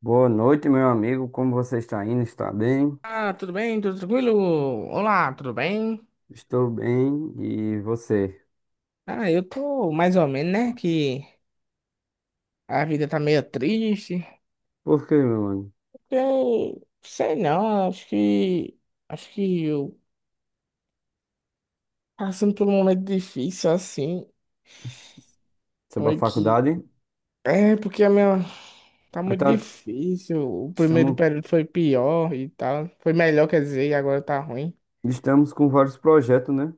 Boa noite, meu amigo. Como você está indo? Está bem? Ah, tudo bem? Tudo tranquilo? Olá, tudo bem? Estou bem. E você? Ah, eu tô mais ou menos, né? Que a vida tá meio triste. Por quê, meu mano? Eu sei não, Acho que eu passando por um momento difícil assim. Sobre a Foi que. faculdade? É, porque a minha. Tá Mas muito tá, difícil. O primeiro estamos, período foi pior e tal. Foi melhor, quer dizer, e agora tá ruim. estamos com vários projetos, né?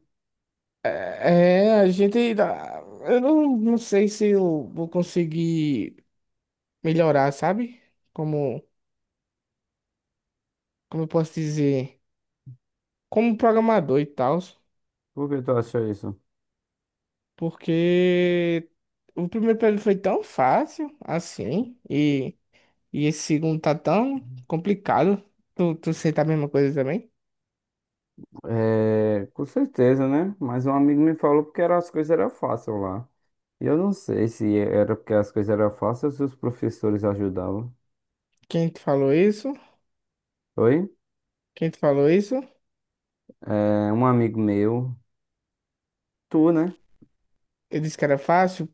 É, a gente. Eu não sei se eu vou conseguir melhorar, sabe? Como. Como eu posso dizer, como programador e tal, Por que tu acha isso? porque o primeiro período foi tão fácil assim, e esse segundo tá tão complicado. Tu sente a mesma coisa também? É, com certeza, né? Mas um amigo me falou porque era, as coisas eram fáceis lá. E eu não sei se era porque as coisas eram fáceis ou se os professores ajudavam. Quem te falou isso? Oi? Quem te falou isso? É, um amigo meu, tu, né? Eu disse que era fácil,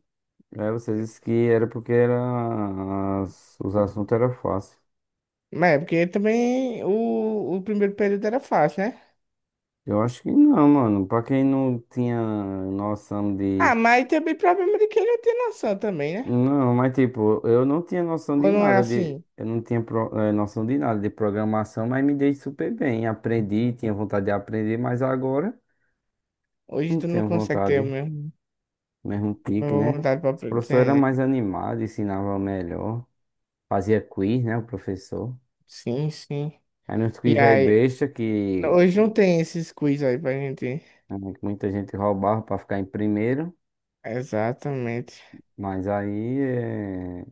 É, você disse que era porque era, os assuntos eram fáceis. mas é porque também o primeiro período era fácil, né? Eu acho que não, mano. Pra quem não tinha noção de. Ah, mas também problema de quem não tem noção também, né? Não, mas tipo, eu não tinha noção Ou de não é nada de. assim? Eu não tinha noção de nada de programação, mas me dei super bem. Aprendi, tinha vontade de aprender, mas agora Hoje não tu não tenho consegue ter o vontade. mesmo, Mesmo a pique, mesma né? vontade pra Os professores eram aprender. mais animados, ensinavam melhor. Fazia quiz, né? O professor. Sim, sim. Aí nos E quiz velho aí, besta, não, que hoje não tem esses quiz aí pra gente. eh, muita gente roubava pra ficar em primeiro. Exatamente. Mas aí. É...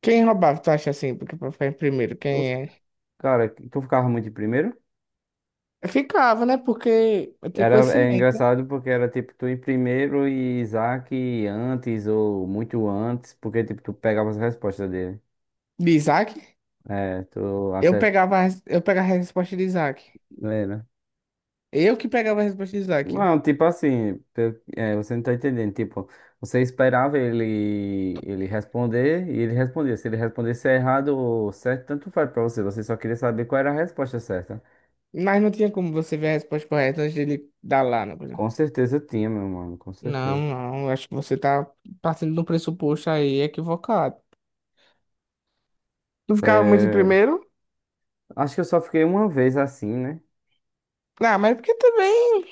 Quem roubava, tu acha assim? Porque pra ficar em primeiro, quem é? Cara, tu ficava muito em primeiro? Eu ficava, né? Porque eu tinha Era, é conhecimento, né? engraçado porque era tipo tu em primeiro e Isaac antes ou muito antes, porque tipo tu pegava as respostas dele. De Isaac. É, tu acertava. Eu pegava a resposta de Isaac. Eu que pegava a resposta de Isaac. Não, tipo assim, é, você não tá entendendo. Tipo, você esperava ele responder e ele respondia. Se ele respondesse errado ou certo, tanto faz pra você. Você só queria saber qual era a resposta certa. Mas não tinha como você ver a resposta correta antes dele dar lá, né? Por exemplo. Com certeza tinha, meu mano, com Não, certeza. não. Eu acho que você tá partindo de um pressuposto aí equivocado. Tu ficava muito em É, primeiro? acho que eu só fiquei uma vez assim, né? Ah, mas é porque também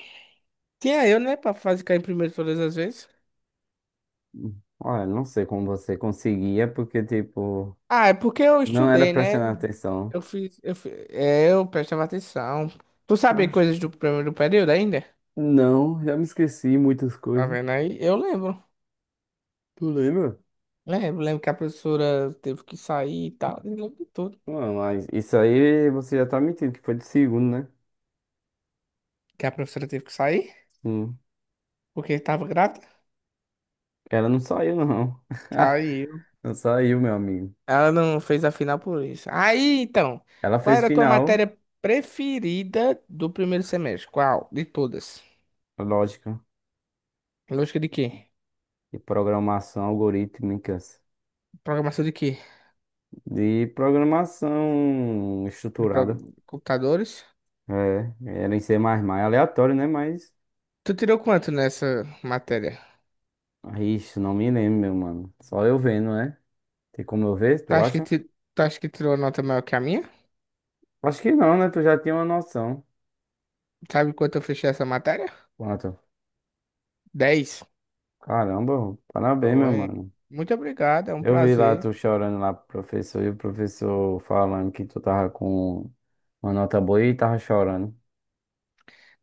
tinha eu, né? Pra fazer cair em primeiro todas as vezes. Olha, não sei como você conseguia, porque, tipo, Ah, é porque eu não era estudei, né? prestando atenção. Eu fiz, eu fi- é, Eu prestava atenção. Tu sabe Acho coisas do que primeiro período ainda? não, já me esqueci muitas Tá coisas. vendo aí? Eu lembro. Tu lembra? Lembro, lembro que a professora teve que sair e tal. Eu lembro de tudo. Não, mas isso aí você já tá mentindo, que foi de segundo, né? Que a professora teve que sair Sim. porque tava grata. Ela não saiu, não. Saiu. Não saiu, meu amigo. Ela não fez a final por isso. Aí, então, Ela qual fez era a tua final, matéria preferida do primeiro semestre? Qual? De todas? lógica, Lógica de quê? de programação algorítmicas, Programação de quê? de programação De pro- estruturada. Computadores? É, era em C++, mais, aleatório, né? Mas Tu tirou quanto nessa matéria? Ixi, não me lembro, meu mano. Só eu vendo, né? Tem como eu ver, tu acha? Tu acha que tirou nota maior que a minha? Acho que não, né? Tu já tinha uma noção. Sabe quanto eu fechei essa matéria? Quanto? 10. Caramba, parabéns, meu Foi. mano. Muito obrigado, é um Eu vi lá prazer. tu chorando lá pro professor e o professor falando que tu tava com uma nota boa e tava chorando.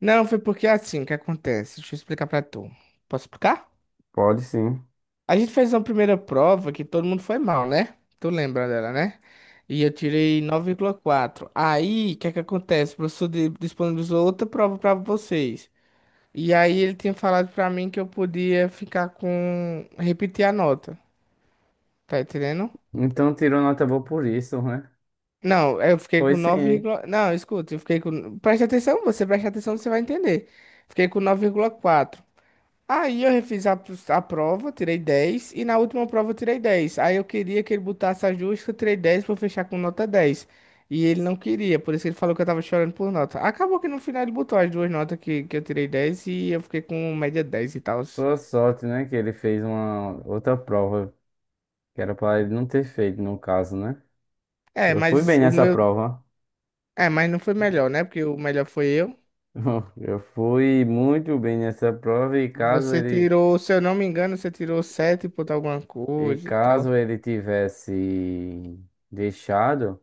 Não, foi porque é assim que acontece. Deixa eu explicar pra tu. Posso explicar? Pode sim. A gente fez uma primeira prova que todo mundo foi mal, né? Tu lembra dela, né? E eu tirei 9,4. Aí, o que é que acontece? O disponibilizou outra prova pra vocês. E aí ele tinha falado pra mim que eu podia ficar com... Repetir a nota. Tá entendendo? Então tirou nota boa por isso, né? Não, eu fiquei Foi com 9, sim. não, escuta, eu fiquei com, preste atenção, você vai entender. Fiquei com 9,4. Aí eu refiz a prova, tirei 10 e na última prova eu tirei 10. Aí eu queria que ele botasse a justa, eu tirei 10 para fechar com nota dez. E ele não queria, por isso que ele falou que eu tava chorando por nota. Acabou que no final ele botou as duas notas que eu tirei 10 e eu fiquei com média 10 e tal. Boa sorte, né? Que ele fez uma outra prova que era pra ele não ter feito, no caso, né? É, Eu fui mas bem o nessa meu, prova. é, mas não foi melhor, né? Porque o melhor foi eu. Eu fui muito bem nessa prova e caso Você ele tirou, se eu não me engano, você tirou 7 ponto alguma e coisa e tal. caso ele tivesse deixado,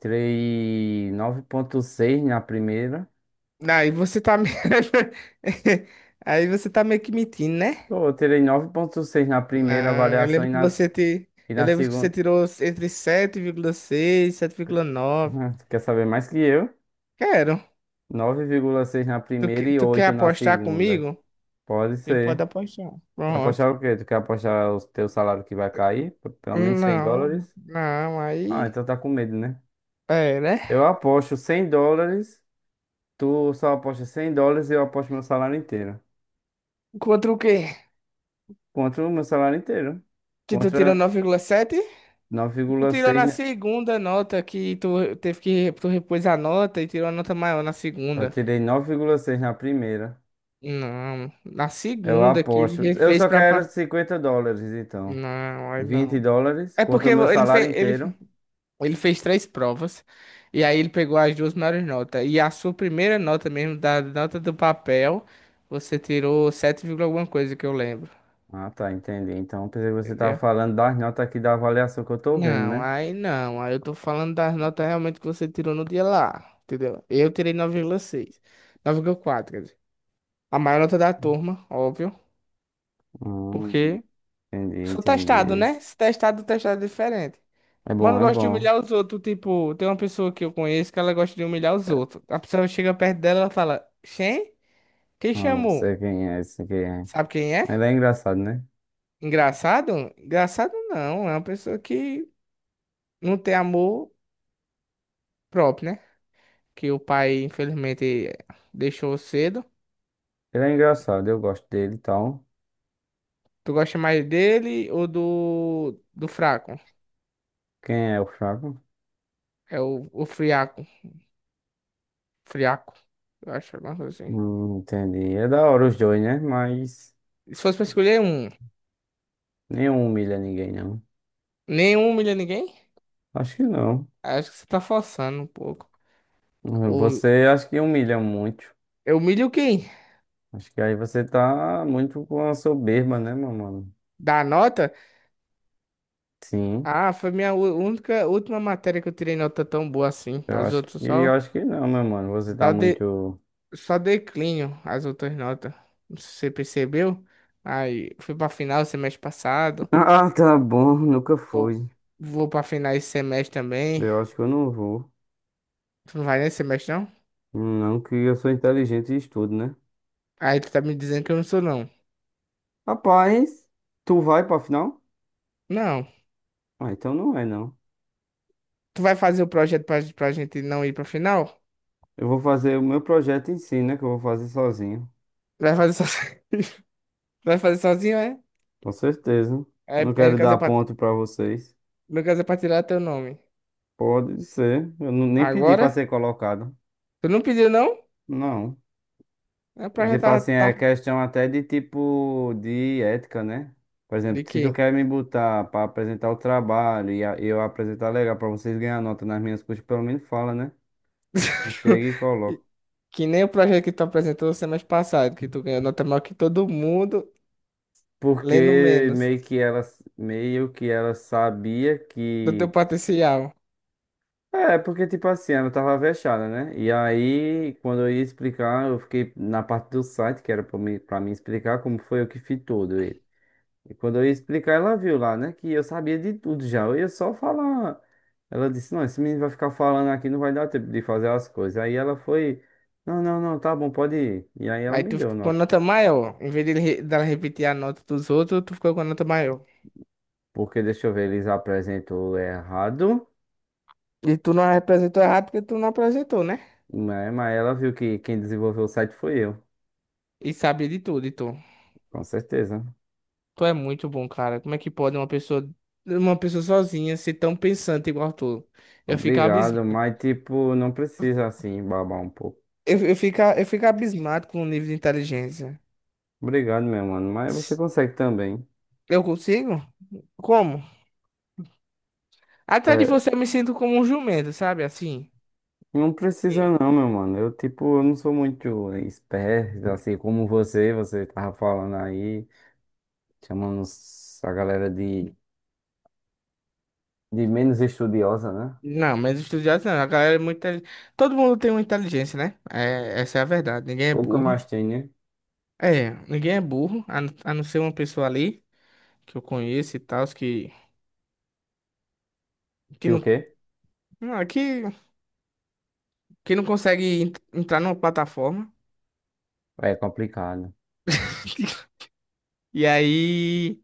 tirei 9,6 na primeira. Aí você tá me... Aí você tá meio que mentindo, né? Pô, eu tirei 9,6 na primeira Não, eu avaliação e lembro que na, você te... e Eu na lembro que você segunda. tirou entre 7,6 e 7,9. Ah, tu quer saber mais que eu? Quero. 9,6 na primeira e Tu quer 8 na apostar segunda. comigo? Pode A gente pode ser. apostar. Quer Pronto. apostar o quê? Tu quer apostar o teu salário que vai cair? P- Pelo menos 100 Não, dólares? não, Ah, aí... então tá com medo, né? É, Eu né? aposto US$ 100. Tu só aposta US$ 100 e eu aposto meu salário inteiro. Contra o quê? Contra o meu salário inteiro. Que tu tirou Contra 9,7? Tu tirou 9,6, na né? segunda nota que tu teve que tu repôs a nota e tirou a nota maior na Eu segunda. tirei 9,6 na primeira. Não, na Eu segunda que ele aposto. Eu só quero US$ 50, então. não, aí vinte não. dólares É porque contra o meu ele salário fez, inteiro. ele fez três provas e aí ele pegou as duas maiores notas. E a sua primeira nota mesmo, da nota do papel, você tirou 7 vírgula alguma coisa que eu lembro. Ah, tá, entendi. Então, pensei que você tava Entendeu? falando das notas aqui da avaliação que eu tô vendo, Não, né? aí não. Aí eu tô falando das notas realmente que você tirou no dia lá. Entendeu? Eu tirei 9,6. 9,4. A maior nota da turma, óbvio. Hum, Porque Entendi, sou testado, entendi. né? Se testado, testado é diferente. É bom, Mano, é gosto de bom. humilhar os outros. Tipo, tem uma pessoa que eu conheço que ela gosta de humilhar os outros. A pessoa chega perto dela e ela fala: Xem? Quem Ah, eu chamou? sei quem é, sei quem é. Sabe quem Ele é? é engraçado, né? Engraçado? Engraçado não. É uma pessoa que não tem amor próprio, né? Que o pai, infelizmente, deixou cedo. Ele é engraçado, eu gosto dele e tal. Tu gosta mais dele ou do fraco? Quem é o fraco? É o friaco. Friaco, eu acho, alguma coisa assim. Entendi. É da hora os dois, né? Mas Se fosse pra escolher um, nenhum humilha ninguém, não. nenhum humilha ninguém? Acho que não. Acho que você tá forçando um pouco. O, Você acho que humilha muito. eu humilho quem? Acho que aí você tá muito com a soberba, né, meu mano? Dá nota? Sim. Ah, foi minha única, última matéria que eu tirei nota tão boa assim. Eu As acho outras que eu só, acho que não, meu mano. Você tá só, de, muito. só declínio, as outras notas. Não sei se você percebeu. Aí, fui pra final semestre passado. Ah, tá bom, nunca Vou, foi. vou pra final esse semestre também. Eu acho que eu não vou. Tu não vai nesse semestre, não? Não que eu sou inteligente e estudo, né? Aí tu tá me dizendo que eu não sou, não. Rapaz, tu vai pra final? Não. Ah, então não é não. Tu vai fazer o projeto pra gente não ir pra final? Eu vou fazer o meu projeto em si, né? Que eu vou fazer sozinho. Vai fazer só. Tu vai fazer sozinho, é? Com certeza. É, Não é, no quero caso dar é pra, ponto pra vocês. no caso é pra tirar teu nome. Pode ser. Eu nem pedi pra Agora? ser colocado. Tu não pediu, não? Não. É E, pra já tipo tá, assim, é tá. questão até de tipo de ética, né? Por exemplo, De se tu quê? quer me botar pra apresentar o trabalho e eu apresentar legal pra vocês ganhar nota nas minhas coisas, pelo menos fala, né? Não chega e coloca. Que nem o projeto que tu apresentou semestre passado, que tu ganhou nota maior que todo mundo, lendo Porque menos meio que ela sabia do teu que. potencial. É, porque, tipo assim, ela tava fechada, né? E aí, quando eu ia explicar, eu fiquei na parte do site, que era pra mim explicar como foi eu que fiz todo ele. E quando eu ia explicar, ela viu lá, né? Que eu sabia de tudo já. Eu ia só falar. Ela disse, não, esse menino vai ficar falando aqui, não vai dar tempo de fazer as coisas. Aí ela foi, não, não, não, tá bom, pode ir. E aí ela Aí me tu deu ficou com nota. nota maior. Em vez de ele dela repetir a nota dos outros, tu ficou com a nota maior. Porque, deixa eu ver, eles apresentou errado, E tu não apresentou errado porque tu não apresentou, né? né? Mas ela viu que quem desenvolveu o site foi eu, E sabia de tudo, e tu. com certeza. Tu é muito bom, cara. Como é que pode uma pessoa sozinha ser tão pensante igual tu? Eu fico Obrigado, abismado. mas tipo, não precisa assim babar um pouco. Eu fico abismado com o nível de inteligência. Obrigado, meu mano, mas você consegue também. Eu consigo? Como? Atrás de É, você eu me sinto como um jumento, sabe? Assim. não precisa E- não, meu mano. Eu, tipo, eu não sou muito esperto, assim, como você tava falando aí, chamando a galera de, menos estudiosa, né? Não, mas estudiosos não. A galera é muito todo mundo tem uma inteligência, né? É, essa é a verdade. Ninguém é Pouca burro. mais tem, né? É, ninguém é burro, a não ser uma pessoa ali que eu conheço e tal, que Que o não, quê? não, que não consegue entrar numa plataforma. É complicado. E aí.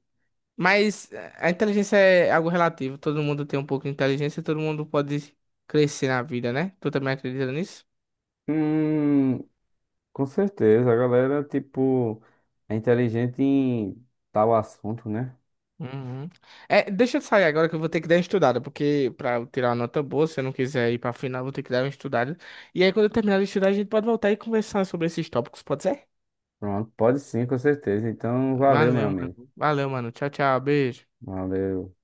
Mas a inteligência é algo relativo. Todo mundo tem um pouco de inteligência, todo mundo pode crescer na vida, né? Tu também acredita nisso? Hum, com certeza, a galera, tipo, é inteligente em tal assunto, né? Uhum. É, deixa eu sair agora que eu vou ter que dar uma estudada, porque pra eu tirar uma nota boa, se eu não quiser ir pra final, eu vou ter que dar uma estudada. E aí, quando eu terminar de estudar, a gente pode voltar e conversar sobre esses tópicos, pode ser? Pronto, pode sim, com certeza. Então, valeu, meu Valeu, mano. amigo. Valeu, mano. Tchau, tchau. Beijo. Valeu.